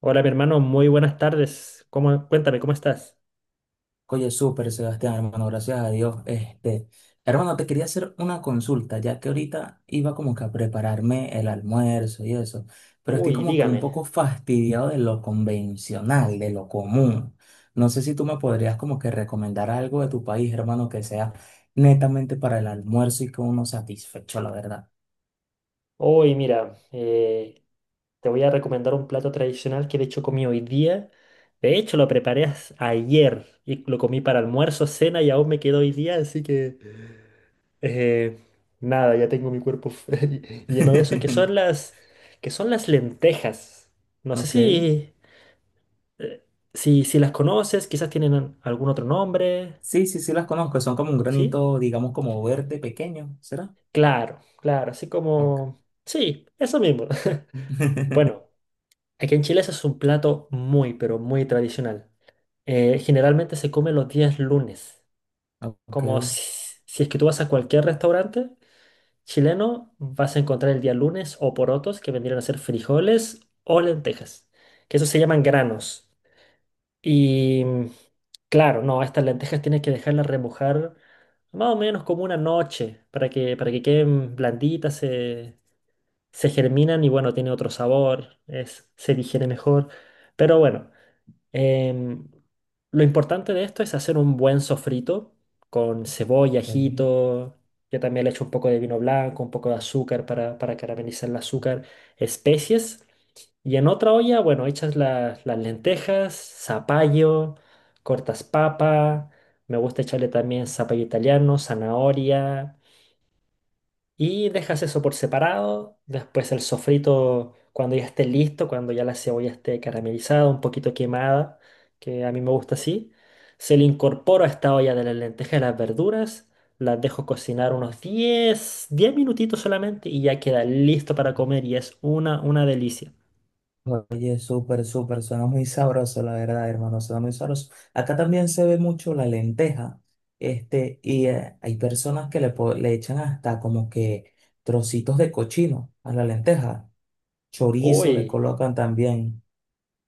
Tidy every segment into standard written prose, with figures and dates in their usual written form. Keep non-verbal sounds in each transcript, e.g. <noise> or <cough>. Hola, mi hermano, muy buenas tardes. Cuéntame, ¿cómo estás? Oye, súper, Sebastián, hermano, gracias a Dios. Hermano, te quería hacer una consulta, ya que ahorita iba como que a prepararme el almuerzo y eso, pero estoy Uy, como que un dígame. poco fastidiado de lo convencional, de lo común. No sé si tú me podrías como que recomendar algo de tu país, hermano, que sea netamente para el almuerzo y que uno satisfecho, la verdad. Hoy, mira, te voy a recomendar un plato tradicional que de hecho comí hoy día. De hecho, lo preparé ayer y lo comí para almuerzo, cena y aún me quedó hoy día, así que eh, nada, ya tengo mi cuerpo <laughs> lleno de eso, <laughs> que son las lentejas. No sé Ok. Eh, si las conoces, quizás tienen algún otro nombre, Sí, sí, sí las conozco. Son como un ¿sí? granito, digamos, como verde pequeño, ¿será? Claro, claro, así Ok. como... Sí, eso mismo. <laughs> Bueno, <laughs> aquí en Chile ese es un plato muy, pero muy tradicional. Generalmente se come los días lunes. Ok. Como si es que tú vas a cualquier restaurante chileno, vas a encontrar el día lunes o porotos, que vendrían a ser frijoles o lentejas, que eso se llaman granos. Y mm, claro, no, estas lentejas tienes que dejarlas remojar más o menos como una noche para que queden blanditas. Se germinan y bueno, tiene otro sabor, se digiere mejor. Pero bueno, em, lo importante de esto es hacer un buen sofrito con cebolla, Sí. ajito. Yo también le echo un poco de vino blanco, un poco de azúcar para caramelizar el azúcar, especies. Y en otra olla, bueno, las lentejas, zapallo, cortas papa. Me gusta echarle también zapallo italiano, zanahoria. Y dejas eso por separado. Después el sofrito, cuando ya esté listo, cuando ya la cebolla esté caramelizada, un poquito quemada, que a mí me gusta así, se le incorpora a esta olla de las lentejas y las verduras. Las dejo cocinar unos 10 minutitos solamente y ya queda listo para comer y es una delicia. Oye, súper, súper, suena muy sabroso, la verdad, hermano, suena muy sabroso. Acá también se ve mucho la lenteja, hay personas que le echan hasta como que trocitos de cochino a la lenteja, chorizo le Uy. colocan también.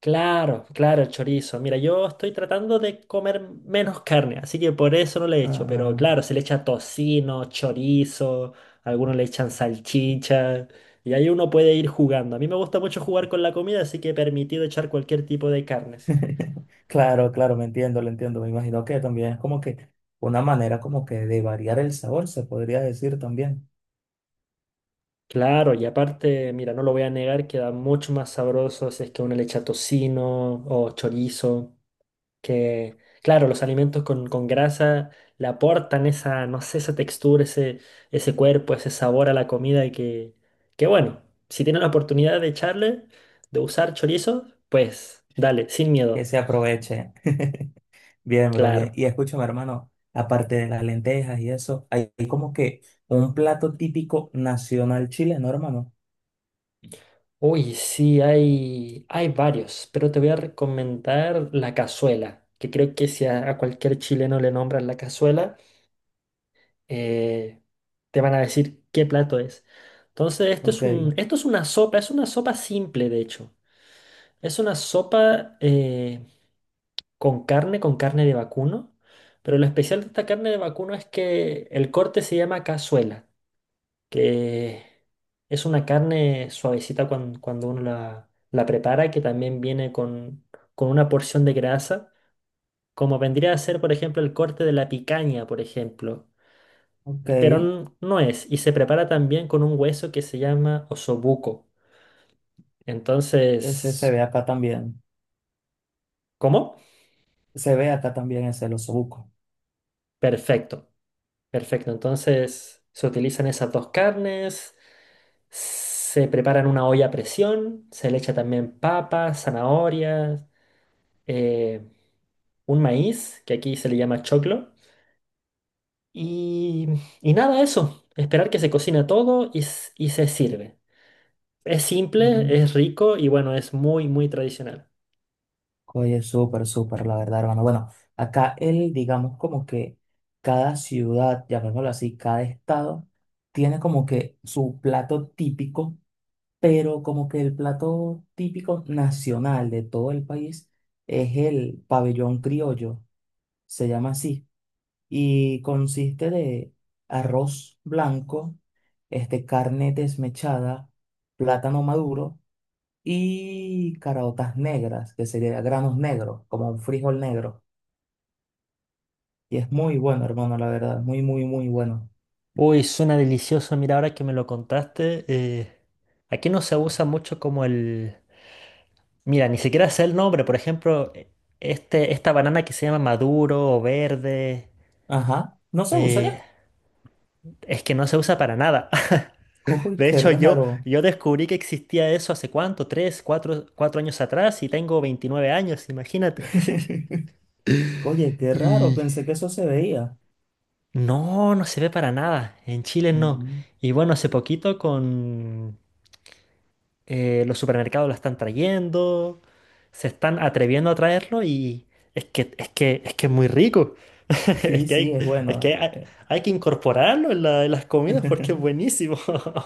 Claro, claro, el chorizo. Mira, yo estoy tratando de comer menos carne, así que por eso no le echo. Ah, Pero ah. claro, se le echa tocino, chorizo, algunos le echan salchicha. Y ahí uno puede ir jugando. A mí me gusta mucho jugar con la comida, así que he permitido echar cualquier tipo de carnes. <laughs> Claro, claro, me entiendo, lo entiendo, me imagino que también es como que una manera como que de variar el sabor, se podría decir también, Claro, y aparte, mira, no lo voy a negar, queda mucho más sabroso si es que uno le echa tocino o chorizo. que, claro, los alimentos con grasa le aportan esa, no sé, esa textura, ese cuerpo, ese sabor a la comida y que bueno, si tienen la oportunidad de echarle, de usar chorizo, pues dale, sin que miedo, se aproveche. Bien, bro, bien. claro. Y escúchame, hermano, aparte de las lentejas y eso, hay como que un plato típico nacional chileno, hermano. Uy, sí, hay varios, pero te voy a recomendar la cazuela, que creo que si a cualquier chileno le nombran la cazuela, eh, te van a decir qué plato es. Entonces, Ok, esto es una sopa simple, de hecho. Es una sopa con carne de vacuno, pero lo especial de esta carne de vacuno es que el corte se llama cazuela, que es una carne suavecita cuando, uno la prepara, que también viene con una porción de grasa, como vendría a ser, por ejemplo, el corte de la picaña, por ejemplo. ok. Pero no es. Y se prepara también con un hueso que se llama osobuco. Ese se Entonces, ve acá también. ¿cómo? Se ve acá también ese, el osobuco. Perfecto, perfecto. Entonces, se utilizan esas dos carnes, se prepara en una olla a presión, se le echa también papas, zanahorias, eh, un maíz, que aquí se le llama choclo. Y, y nada, eso. Esperar que se cocina todo y se sirve. Es simple, es rico y bueno, es muy, muy tradicional. Oye, súper, súper, la verdad, hermano. Bueno, acá él, digamos como que cada ciudad, llamémoslo así, cada estado, tiene como que su plato típico, pero como que el plato típico nacional de todo el país es el pabellón criollo, se llama así, y consiste de arroz blanco, carne desmechada, plátano maduro y caraotas negras, que sería granos negros, como un frijol negro. Y es muy bueno, hermano, la verdad, muy, muy, muy bueno. Uy, suena delicioso. Mira, ahora que me lo contaste, aquí no se usa mucho como el... Mira, ni siquiera sé el nombre. Por ejemplo, este, esta banana que se llama maduro o verde, Ajá, ¿no se usa eh, ya? es que no se usa para nada. <laughs> <laughs> Uy, De qué hecho, raro. yo descubrí que existía eso hace cuánto, tres, cuatro, cuatro años atrás y tengo 29 años, imagínate. <laughs> Oye, qué raro, Y pensé que eso se veía. no, no se ve para nada. En Chile no. Mm. Y bueno, hace poquito con los supermercados lo están trayendo, se están atreviendo a traerlo y es que es muy rico. <laughs> Es Sí, que sí, hay, es es que bueno. hay, Hay que incorporarlo en en las comidas porque es <laughs> buenísimo.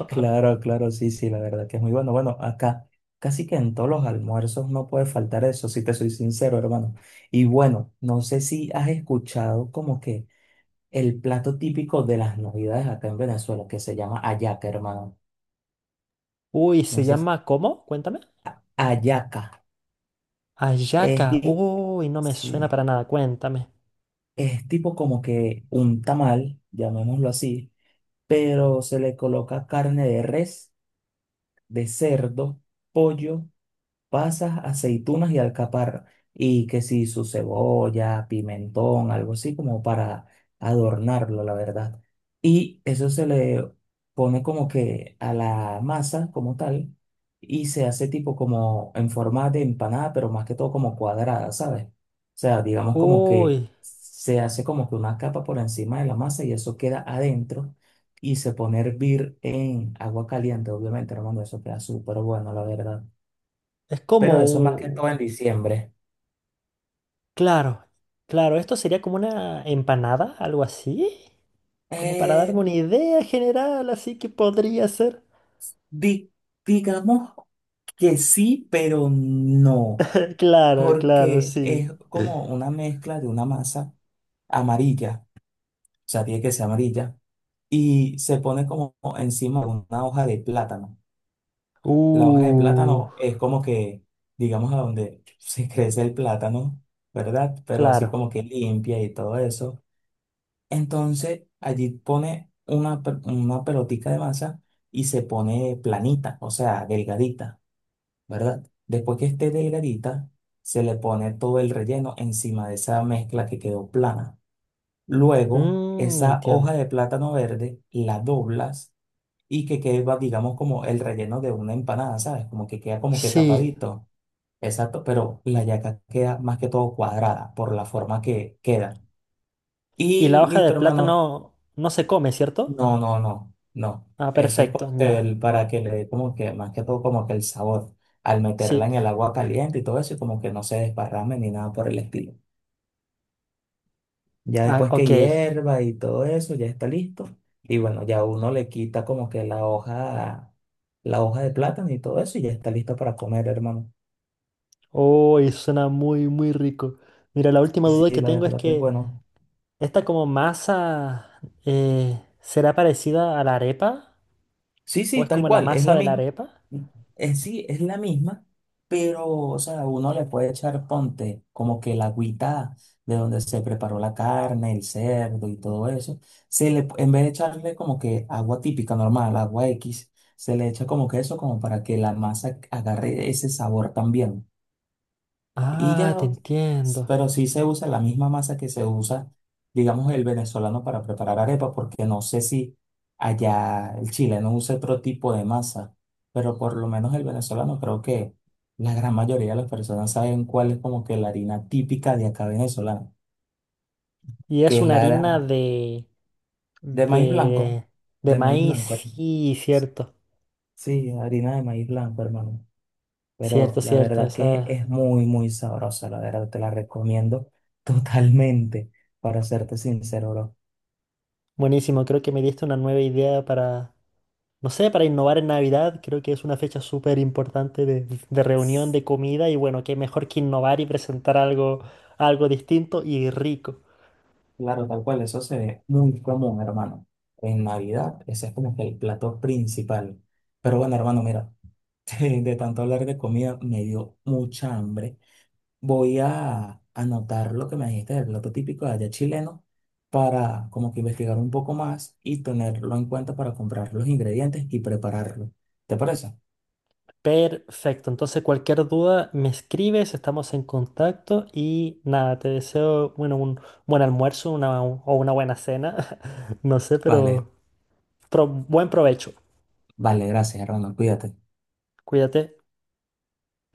Claro, <laughs> claro, sí, sí, la verdad que es muy bueno. Bueno, acá casi que en todos los almuerzos no puede faltar eso, si te soy sincero, hermano. Y bueno, no sé si has escuchado como que el plato típico de las navidades acá en Venezuela, que se llama hallaca, hermano. Uy, ¿se Entonces, llama cómo? Cuéntame. Hallaca es, Ayaca. di- Uy, no me suena sí, para nada. Cuéntame. es tipo como que un tamal, llamémoslo así, pero se le coloca carne de res, de cerdo, pollo, pasas, aceitunas y alcaparra. Y que si su cebolla, pimentón, algo así como para adornarlo, la verdad. Y eso se le pone como que a la masa como tal y se hace tipo como en forma de empanada, pero más que todo como cuadrada, ¿sabes? O sea, digamos como que Uy, se hace como que una capa por encima de la masa y eso queda adentro y se pone a hervir en agua caliente, obviamente, hermano, eso queda súper bueno, la verdad, es como pero eso más que un- todo en diciembre. Claro, claro, esto sería como una empanada, algo así. Como para Eh, darme una idea general, así que podría ser. di- digamos que sí, pero no, Claro, claro, porque sí. es como una mezcla de una masa amarilla, o sea, tiene que ser amarilla, y se pone como encima de una hoja de plátano. La hoja de Uh, plátano es como que, digamos, a donde <laughs> se crece el plátano, ¿verdad? Pero así claro. como que limpia y todo eso. Entonces, allí pone una pelotica de masa y se pone planita, o sea, delgadita, ¿verdad? Después que esté delgadita, se le pone todo el relleno encima de esa mezcla que quedó plana. Luego, Mm, esa entiendo. hoja de plátano verde la doblas y que queda, digamos, como el relleno de una empanada, ¿sabes? Como que queda como que Sí. tapadito. Exacto, pero la yaca queda más que todo cuadrada por la forma que queda. Y Y la hoja de listo, hermano. plátano no se come, ¿cierto? No, no, no, no. Ah, Eso es perfecto, como que ya. el, para que le dé como que, más que todo como que el sabor, al meterla Sí. en el agua caliente y todo eso, y como que no se desparrame ni nada por el estilo. Ya Ah, después que ok. hierva y todo eso, ya está listo. Y bueno, ya uno le quita como que la hoja de plátano y todo eso, y ya está listo para comer, hermano. Oh, y suena muy, muy rico. Mira, la última Y sí, duda que la tengo es verdad que es que bueno. esta como masa ¿será parecida a la arepa? Sí, ¿O sí, es tal como la cual, es masa la de la misma, arepa? Sí, es la misma, pero, o sea, uno le puede echar, ponte, como que la agüita de donde se preparó la carne, el cerdo y todo eso, en vez de echarle como que agua típica, normal, agua X, se le echa como que eso, como para que la masa agarre ese sabor también. Y ya, Ah, te entiendo. pero sí se usa la misma masa que se usa, digamos, el venezolano para preparar arepa, porque no sé si allá el chileno usa otro tipo de masa, pero por lo menos el venezolano creo que la gran mayoría de las personas saben cuál es como que la harina típica de acá venezolana, Y es que es una harina la de maíz blanco, de, de de maíz maíz, blanco. sí, cierto. Sí, harina de maíz blanco, hermano. Pero Cierto, la cierto, verdad que esa es muy, muy sabrosa, la verdad te la recomiendo <laughs> totalmente, para serte sincero, bro. buenísimo. Creo que me diste una nueva idea para, no sé, para innovar en Navidad. Creo que es una fecha súper importante de reunión, de comida y bueno, qué mejor que innovar y presentar algo, algo distinto y rico. Claro, tal cual, eso se ve muy común, hermano. En Navidad, ese es como que el plato principal. Pero bueno, hermano, mira, <laughs> de tanto hablar de comida me dio mucha hambre. Voy a anotar lo que me dijiste del plato típico de allá chileno para como que investigar un poco más y tenerlo en cuenta para comprar los ingredientes y prepararlo. ¿Te parece? Perfecto. Entonces, cualquier duda me escribes, estamos en contacto y nada, te deseo, bueno, un buen almuerzo o una buena cena, <laughs> no sé, Vale, pero buen provecho. vale, gracias, Hernando. Cuídate. Cuídate.